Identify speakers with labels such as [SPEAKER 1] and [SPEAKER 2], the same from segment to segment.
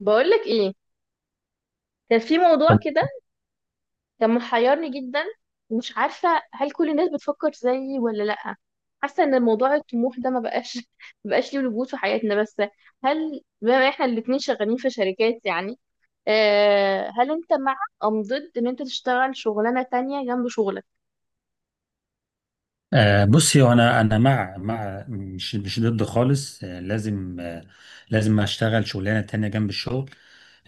[SPEAKER 1] بقولك ايه، كان في موضوع كده. كان محيرني جدا، ومش عارفة هل كل الناس بتفكر زيي ولا لأ. حاسة ان موضوع الطموح ده ما بقاش ما بقاش ليه وجود في حياتنا. بس هل بما احنا الاتنين شغالين في شركات، يعني هل انت مع ام ضد ان انت تشتغل شغلانة تانية جنب شغلك؟
[SPEAKER 2] بصي، هو انا انا مع مش ضد خالص. لازم اشتغل شغلانه تانية جنب الشغل.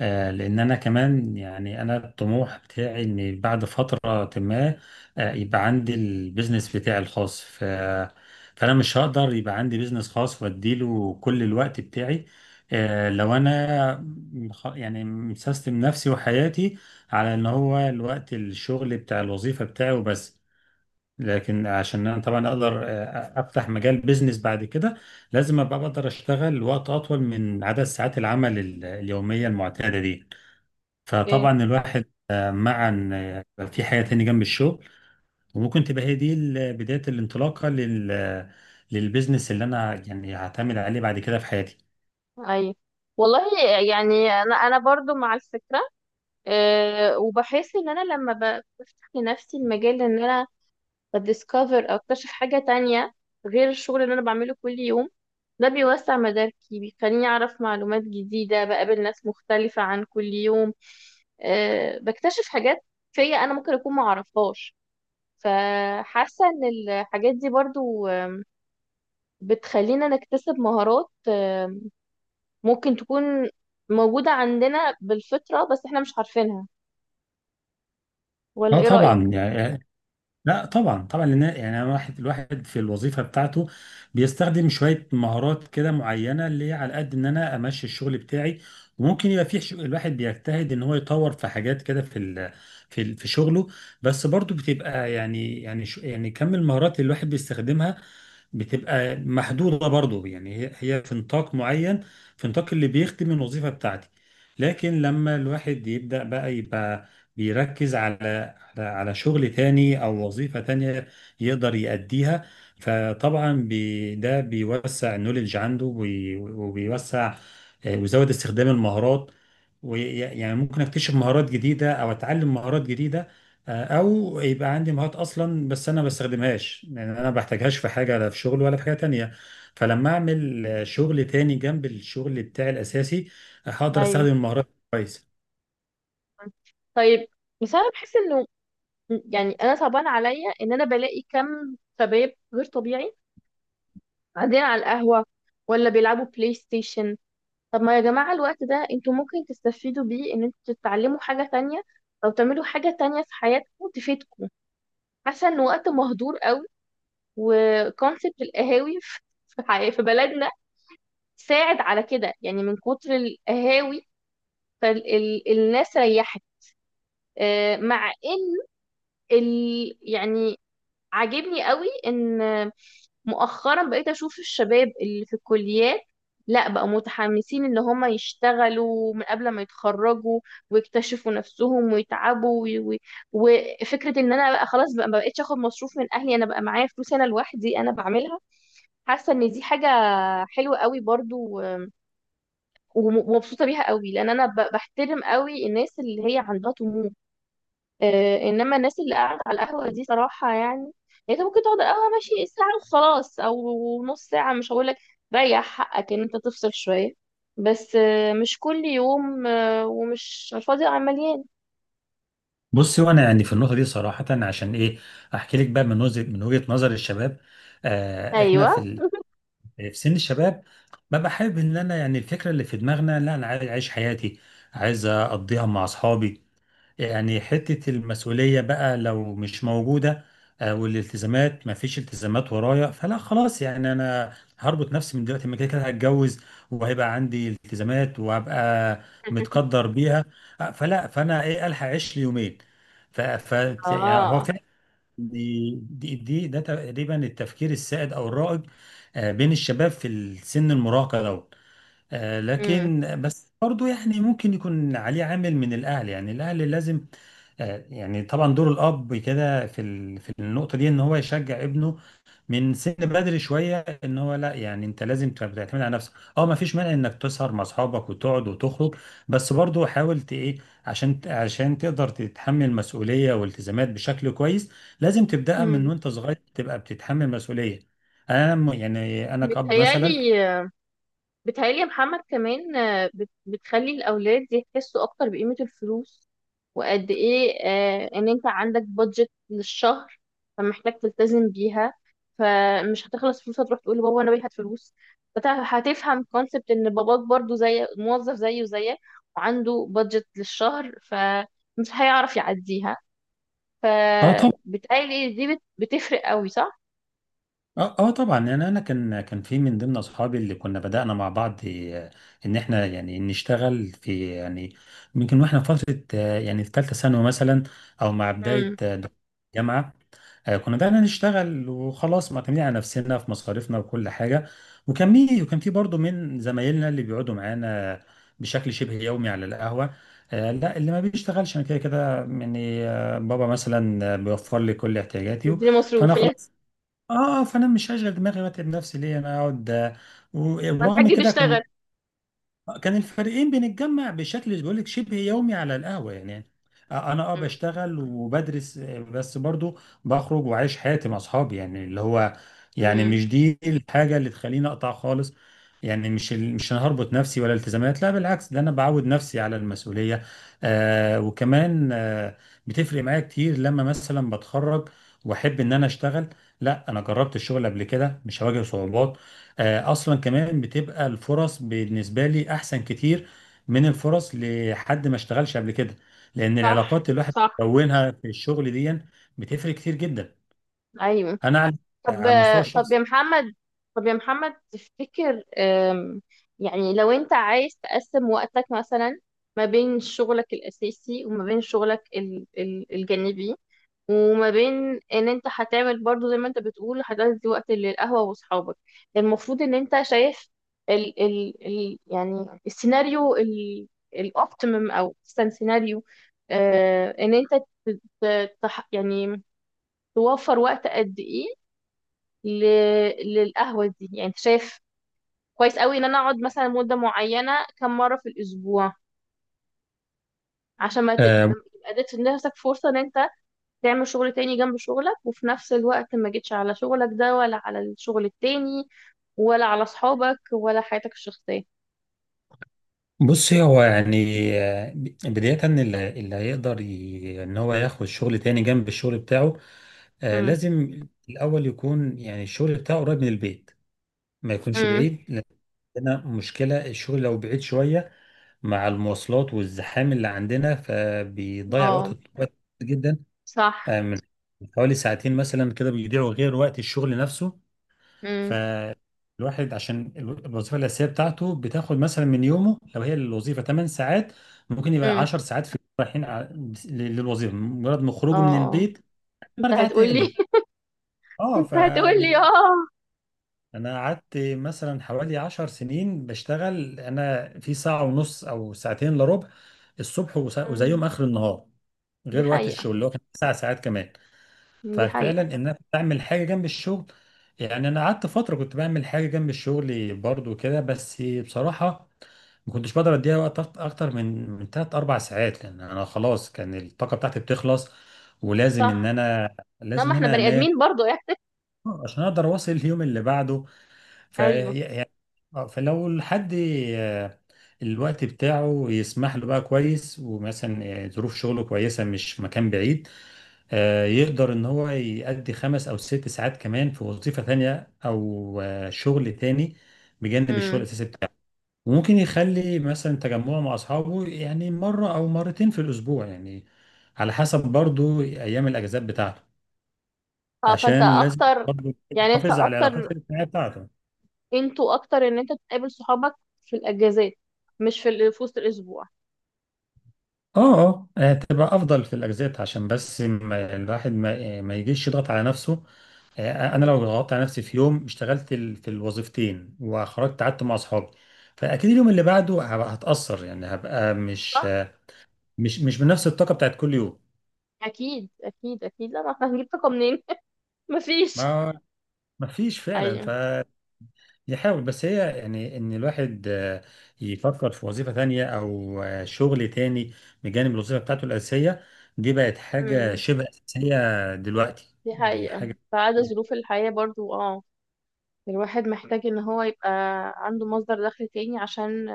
[SPEAKER 2] لان انا كمان، يعني انا الطموح بتاعي ان بعد فتره ما يبقى عندي البيزنس بتاعي الخاص. فانا مش هقدر يبقى عندي بيزنس خاص واديله كل الوقت بتاعي. لو انا يعني مسيستم نفسي وحياتي على ان هو الوقت الشغل بتاع الوظيفه بتاعي وبس، لكن عشان انا طبعا اقدر افتح مجال بيزنس بعد كده لازم ابقى بقدر اشتغل وقت اطول من عدد ساعات العمل اليوميه المعتاده دي.
[SPEAKER 1] ايه؟
[SPEAKER 2] فطبعا الواحد مع ان في حياه تاني جنب الشغل، وممكن تبقى هي دي بدايه الانطلاقه للبيزنس اللي انا يعني هعتمد عليه بعد كده في حياتي.
[SPEAKER 1] ايوه، والله. يعني انا برضو مع الفكرة. وبحس ان انا لما بفتح لنفسي المجال ان انا بديسكفر او اكتشف حاجة تانية غير الشغل اللي انا بعمله كل يوم. ده بيوسع مداركي، بيخليني اعرف معلومات جديدة، بقابل ناس مختلفة عن كل يوم. بكتشف حاجات فيا انا ممكن اكون ما اعرفهاش. فحاسة ان الحاجات دي برضو بتخلينا نكتسب مهارات ممكن تكون موجودة عندنا بالفطرة بس احنا مش عارفينها. ولا
[SPEAKER 2] اه
[SPEAKER 1] ايه
[SPEAKER 2] طبعا،
[SPEAKER 1] رأيك؟
[SPEAKER 2] يعني لا طبعا طبعا، لان يعني أنا واحد الواحد في الوظيفه بتاعته بيستخدم شويه مهارات كده معينه، اللي هي على قد ان انا امشي الشغل بتاعي. وممكن يبقى في الواحد بيجتهد ان هو يطور في حاجات كده في شغله. بس برضو بتبقى يعني كم المهارات اللي الواحد بيستخدمها بتبقى محدوده برضو، يعني هي في نطاق معين، في نطاق اللي بيخدم الوظيفه بتاعتي. لكن لما الواحد يبدا بقى يبقى بيركز على شغل تاني او وظيفة تانية يقدر يأديها. فطبعا ده بيوسع النوليدج عنده وبيوسع ويزود استخدام المهارات، ويعني ممكن اكتشف مهارات جديدة او اتعلم مهارات جديدة، او يبقى عندي مهارات اصلا بس انا ما بستخدمهاش، يعني انا ما بحتاجهاش في حاجة، لا في شغل ولا في حاجة تانية. فلما اعمل شغل تاني جنب الشغل بتاعي الاساسي، هقدر استخدم
[SPEAKER 1] ايوه.
[SPEAKER 2] المهارات كويس.
[SPEAKER 1] طيب. بس انا بحس انه، يعني انا صعبان عليا ان انا بلاقي كم شباب غير طبيعي قاعدين على القهوه، ولا بيلعبوا بلاي ستيشن. طب ما يا جماعه، الوقت ده انتوا ممكن تستفيدوا بيه ان انتوا تتعلموا حاجه تانية، او تعملوا حاجه تانية في حياتكم تفيدكم. حاسه ان وقت مهدور قوي. وكونسبت القهاوي في في بلدنا ساعد على كده، يعني من كتر القهاوي فالناس ريحت. مع ان يعني عاجبني قوي ان مؤخرا بقيت اشوف الشباب اللي في الكليات، لا بقى متحمسين ان هم يشتغلوا من قبل ما يتخرجوا، ويكتشفوا نفسهم ويتعبوا وفكرة ان انا بقى خلاص، بقى ما بقتش اخد مصروف من اهلي، انا بقى معايا فلوس، انا لوحدي انا بعملها. حاسة ان دي حاجة حلوة قوي برضو، ومبسوطة بيها قوي، لان انا بحترم قوي الناس اللي هي عندها طموح. انما الناس اللي قاعده على القهوه دي صراحه يعني انت ممكن تقعد على القهوه ماشي ساعه وخلاص، او نص ساعه، مش هقول لك ريح حقك ان انت تفصل شويه. بس مش كل يوم ومش على الفاضي عمليان.
[SPEAKER 2] بصي، وانا يعني في النقطه دي صراحه عشان ايه احكي لك بقى، من وجهه نظر الشباب، آه احنا في
[SPEAKER 1] ايوه.
[SPEAKER 2] في سن الشباب، ببقى حابب ان انا، يعني الفكره اللي في دماغنا، لا انا عايز اعيش حياتي، عايز اقضيها مع اصحابي، يعني حتة المسؤولية بقى لو مش موجودة والالتزامات، ما فيش التزامات ورايا، فلا خلاص، يعني أنا هربط نفسي من دلوقتي؟ ما كده كده هتجوز وهيبقى عندي التزامات وهبقى متقدر بيها. فلا، فأنا إيه، ألحق أعيش لي يومين. ف ف يعني هو
[SPEAKER 1] اه.
[SPEAKER 2] فعلا دي دي دي ده تقريبا التفكير السائد أو الرائج بين الشباب في السن المراهقة ده.
[SPEAKER 1] امم.
[SPEAKER 2] لكن بس برضو، يعني ممكن يكون عليه عامل من الأهل، يعني الأهل لازم يعني طبعا دور الأب كده في في النقطة دي إن هو يشجع ابنه من سن بدري شوية، إن هو لا، يعني أنت لازم تبقى تعتمد على نفسك، أه ما فيش مانع إنك تسهر مع أصحابك وتقعد وتخرج، بس برضو حاول إيه، عشان عشان تقدر تتحمل مسؤولية والتزامات بشكل كويس، لازم تبدأها من
[SPEAKER 1] امم.
[SPEAKER 2] وأنت صغير تبقى بتتحمل مسؤولية. يعني أنا كأب مثلا،
[SPEAKER 1] بتهيالي بتهيألي يا محمد، كمان بتخلي الأولاد يحسوا أكتر بقيمة الفلوس، وقد إيه إن أنت عندك بادجت للشهر، فمحتاج تلتزم بيها، فمش هتخلص فلوس هتروح تقول لبابا أنا باقي هات فلوس. هتفهم كونسبت إن باباك برضو زي موظف، زيه زيك، وعنده بادجت للشهر فمش هيعرف يعديها.
[SPEAKER 2] أنا
[SPEAKER 1] فبتهيألي دي بتفرق قوي، صح؟
[SPEAKER 2] اه اه طبعا، يعني انا كان في من ضمن اصحابي اللي كنا بدأنا مع بعض ان احنا يعني نشتغل في، يعني يمكن واحنا في فترة يعني في ثالثة ثانوي مثلا، او مع بداية
[SPEAKER 1] امم.
[SPEAKER 2] دخول الجامعة. كنا بدأنا نشتغل وخلاص، معتمدين على نفسنا في مصاريفنا وكل حاجة. وكان في برضه من زمايلنا اللي بيقعدوا معانا بشكل شبه يومي على القهوة، لا اللي ما بيشتغلش انا كده كده، يعني بابا مثلا بيوفر لي كل احتياجاتي.
[SPEAKER 1] دي
[SPEAKER 2] فانا
[SPEAKER 1] مصروف
[SPEAKER 2] مم.
[SPEAKER 1] يعني.
[SPEAKER 2] اه آه، فانا مش هشغل دماغي واتعب نفسي ليه انا اقعد،
[SPEAKER 1] ما
[SPEAKER 2] ورغم
[SPEAKER 1] الحاج
[SPEAKER 2] كده
[SPEAKER 1] بيشتغل.
[SPEAKER 2] كنت كان الفريقين بنتجمع بشكل، بقول لك، شبه يومي على القهوة. يعني انا اه
[SPEAKER 1] مم.
[SPEAKER 2] بشتغل وبدرس، بس برضو بخرج وعايش حياتي مع اصحابي، يعني اللي هو، يعني
[SPEAKER 1] مم.
[SPEAKER 2] مش دي الحاجة اللي تخليني اقطع خالص. يعني مش انا هربط نفسي، ولا التزامات، لا بالعكس ده انا بعود نفسي على المسؤولية. آه وكمان آه بتفرق معايا كتير لما مثلا بتخرج واحب ان انا اشتغل، لا انا جربت الشغل قبل كده مش هواجه صعوبات، اصلا كمان بتبقى الفرص بالنسبه لي احسن كتير من الفرص لحد ما اشتغلش قبل كده، لان العلاقات
[SPEAKER 1] صح،
[SPEAKER 2] اللي الواحد
[SPEAKER 1] صح.
[SPEAKER 2] بيكونها في الشغل دي بتفرق كتير جدا،
[SPEAKER 1] ايوه.
[SPEAKER 2] انا على
[SPEAKER 1] طب،
[SPEAKER 2] على المستوى
[SPEAKER 1] طب
[SPEAKER 2] الشخصي.
[SPEAKER 1] يا محمد، طب يا محمد تفتكر يعني لو انت عايز تقسم وقتك مثلا، ما بين شغلك الاساسي وما بين شغلك الجانبي، وما بين ان انت هتعمل برضو زي ما انت بتقول هتدي وقت للقهوة واصحابك. المفروض ان انت شايف ال ال ال يعني السيناريو الاوبتيمم او احسن سيناريو. ان انت يعني توفر وقت قد ايه ل... للقهوة دي، يعني انت شايف كويس قوي ان انا اقعد مثلا مدة معينة كم مرة في الاسبوع، عشان ما
[SPEAKER 2] آه،
[SPEAKER 1] تبقى اديت لنفسك فرصة ان انت تعمل شغل تاني جنب شغلك، وفي نفس الوقت ما جيتش على شغلك ده ولا على الشغل التاني، ولا على صحابك ولا حياتك الشخصية.
[SPEAKER 2] بصي هو يعني، آه، بداية اللي هيقدر ان هو ياخد شغل تاني جنب الشغل بتاعه،
[SPEAKER 1] امم.
[SPEAKER 2] لازم الاول يكون، يعني الشغل بتاعه قريب من البيت، ما يكونش
[SPEAKER 1] امم.
[SPEAKER 2] بعيد، لان عندنا مشكلة الشغل لو بعيد شوية، مع المواصلات والزحام اللي عندنا فبيضيع وقت
[SPEAKER 1] اه.
[SPEAKER 2] وقت جدا،
[SPEAKER 1] صح.
[SPEAKER 2] من حوالي ساعتين مثلا كده بيضيعوا غير وقت الشغل نفسه.
[SPEAKER 1] امم.
[SPEAKER 2] فالواحد، عشان الوظيفة الأساسية بتاعته بتاخد مثلا من يومه، لو هي الوظيفة 8 ساعات، ممكن يبقى
[SPEAKER 1] امم.
[SPEAKER 2] 10 ساعات في رايحين للوظيفة، مجرد ما خروجه من
[SPEAKER 1] اه.
[SPEAKER 2] البيت
[SPEAKER 1] انت
[SPEAKER 2] برجع
[SPEAKER 1] هتقولي.
[SPEAKER 2] تاني. اه ف
[SPEAKER 1] انت هتقولي اه.
[SPEAKER 2] انا قعدت مثلا حوالي 10 سنين بشتغل، انا في ساعة ونص او ساعتين الا ربع الصبح
[SPEAKER 1] مم.
[SPEAKER 2] وزيهم اخر النهار،
[SPEAKER 1] دي
[SPEAKER 2] غير وقت
[SPEAKER 1] حقيقة،
[SPEAKER 2] الشغل اللي هو كان 9 ساعات كمان.
[SPEAKER 1] دي
[SPEAKER 2] ففعلا،
[SPEAKER 1] حقيقة.
[SPEAKER 2] ان انا بعمل حاجة جنب الشغل، يعني انا قعدت فترة كنت بعمل حاجة جنب الشغل برضو كده، بس بصراحة ما كنتش بقدر اديها وقت اكتر من تلات اربع ساعات، لان انا خلاص كان الطاقة بتاعتي بتخلص، ولازم ان
[SPEAKER 1] صح.
[SPEAKER 2] انا
[SPEAKER 1] لا،
[SPEAKER 2] لازم
[SPEAKER 1] ما
[SPEAKER 2] ان
[SPEAKER 1] احنا
[SPEAKER 2] انا
[SPEAKER 1] بني
[SPEAKER 2] انام
[SPEAKER 1] ادمين برضو يعني.
[SPEAKER 2] عشان اقدر اواصل اليوم اللي بعده. ف
[SPEAKER 1] ايوه.
[SPEAKER 2] يعني آه، فلو الحد آه، الوقت بتاعه يسمح له بقى كويس، ومثلا ظروف شغله كويسة، مش مكان بعيد، يقدر ان هو يأدي 5 أو 6 ساعات كمان في وظيفة تانية او شغل تاني بجانب الشغل
[SPEAKER 1] مم.
[SPEAKER 2] الاساسي بتاعه. وممكن يخلي مثلا تجمعه مع اصحابه، يعني مرة او مرتين في الاسبوع، يعني على حسب برضو ايام الاجازات بتاعته،
[SPEAKER 1] اه. فانت
[SPEAKER 2] عشان لازم
[SPEAKER 1] اكتر
[SPEAKER 2] برضو
[SPEAKER 1] يعني
[SPEAKER 2] يحافظ على العلاقات الاجتماعية بتاعته.
[SPEAKER 1] انتوا اكتر ان انت تقابل صحابك في الاجازات، مش في وسط الاسبوع.
[SPEAKER 2] اه اه، هتبقى افضل في الاجازات، عشان بس ما الواحد ما يجيش يضغط على نفسه. انا
[SPEAKER 1] مم.
[SPEAKER 2] لو ضغطت على نفسي في يوم، اشتغلت في الوظيفتين وخرجت قعدت مع اصحابي، فاكيد اليوم اللي بعده هبقى هتاثر، يعني هبقى مش
[SPEAKER 1] صح.
[SPEAKER 2] مش مش بنفس الطاقه بتاعت كل يوم.
[SPEAKER 1] اكيد، اكيد، اكيد. لا، ما احنا هنجيب طاقه منين؟ مفيش.
[SPEAKER 2] ما ما فيش فعلا.
[SPEAKER 1] ايوه.
[SPEAKER 2] يحاول، بس هي يعني ان الواحد يفكر في وظيفة تانية او شغل تاني بجانب الوظيفة بتاعته الأساسية، دي بقت حاجة
[SPEAKER 1] امم.
[SPEAKER 2] شبه أساسية دلوقتي،
[SPEAKER 1] دي
[SPEAKER 2] دي
[SPEAKER 1] حقيقه
[SPEAKER 2] حاجة.
[SPEAKER 1] بعد ظروف الحياه برضو. اه، الواحد محتاج ان هو يبقى عنده مصدر دخل تاني عشان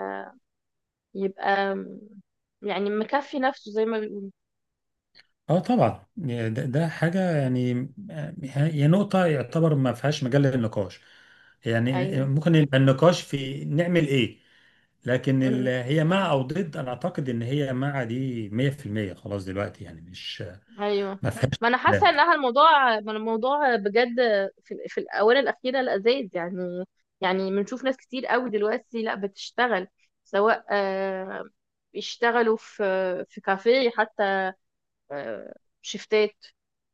[SPEAKER 1] يبقى، يعني مكفي نفسه زي ما بيقولوا.
[SPEAKER 2] اه طبعا، يعني ده حاجة،
[SPEAKER 1] مم.
[SPEAKER 2] يعني هي نقطة يعتبر ما فيهاش مجال للنقاش، يعني
[SPEAKER 1] ايوه.
[SPEAKER 2] ممكن يبقى النقاش في نعمل ايه، لكن هي مع او ضد، انا اعتقد ان هي مع، دي 100% خلاص دلوقتي، يعني مش آه،
[SPEAKER 1] ايوه،
[SPEAKER 2] ما فيهاش
[SPEAKER 1] ما انا حاسه انها الموضوع، ما الموضوع بجد في، في الاونه الاخيره لذيذ يعني بنشوف ناس كتير قوي دلوقتي لا بتشتغل، سواء بيشتغلوا في كافيه حتى، آه، شيفتات،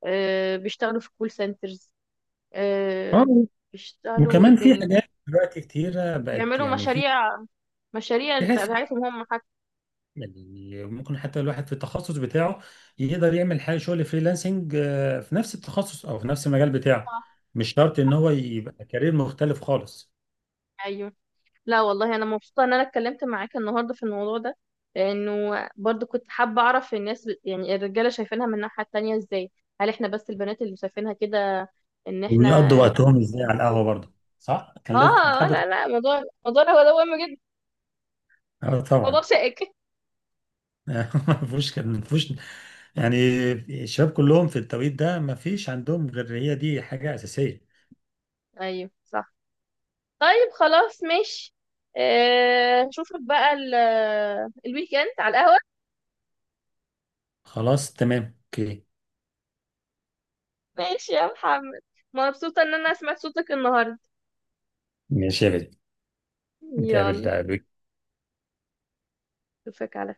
[SPEAKER 1] بيشتغلوا في كول سنترز، آه،
[SPEAKER 2] كلام.
[SPEAKER 1] بيشتغلوا
[SPEAKER 2] وكمان
[SPEAKER 1] ايه
[SPEAKER 2] في
[SPEAKER 1] تاني،
[SPEAKER 2] حاجات دلوقتي كتيرة بقت،
[SPEAKER 1] بيعملوا
[SPEAKER 2] يعني
[SPEAKER 1] مشاريع، مشاريع
[SPEAKER 2] في حاجات فريلانسنج،
[SPEAKER 1] بتاعتهم هم حتى.
[SPEAKER 2] يعني ممكن حتى الواحد في التخصص بتاعه يقدر يعمل حاجة، شغل فريلانسنج في نفس التخصص أو في نفس المجال بتاعه، مش شرط إن هو يبقى كارير مختلف خالص.
[SPEAKER 1] ايوه. لا والله، انا مبسوطه ان انا اتكلمت معاك النهارده في الموضوع ده، لانه برضو كنت حابه اعرف الناس، يعني الرجاله شايفينها من الناحيه التانية ازاي، هل احنا بس البنات اللي شايفينها كده ان
[SPEAKER 2] ويقضوا
[SPEAKER 1] احنا...
[SPEAKER 2] وقتهم إزاي على القهوة برضه؟ صح؟ كان لازم
[SPEAKER 1] اه،
[SPEAKER 2] تحب.
[SPEAKER 1] لا، لا، موضوع، موضوع هو ده مهم جدا،
[SPEAKER 2] اه
[SPEAKER 1] موضوع
[SPEAKER 2] طبعا
[SPEAKER 1] شائك.
[SPEAKER 2] ما ما فيهوش، يعني الشباب كلهم في التوقيت ده ما فيش عندهم غير هي دي حاجة أساسية.
[SPEAKER 1] ايوه، صح. طيب، خلاص، ماشي. اشوفك بقى الويك اند على القهوه.
[SPEAKER 2] خلاص تمام، اوكي.
[SPEAKER 1] ماشي يا محمد، مبسوطه ان انا سمعت صوتك النهارده.
[SPEAKER 2] ماشي يا بدر،
[SPEAKER 1] يلا،
[SPEAKER 2] نتقابل.
[SPEAKER 1] اشوفك على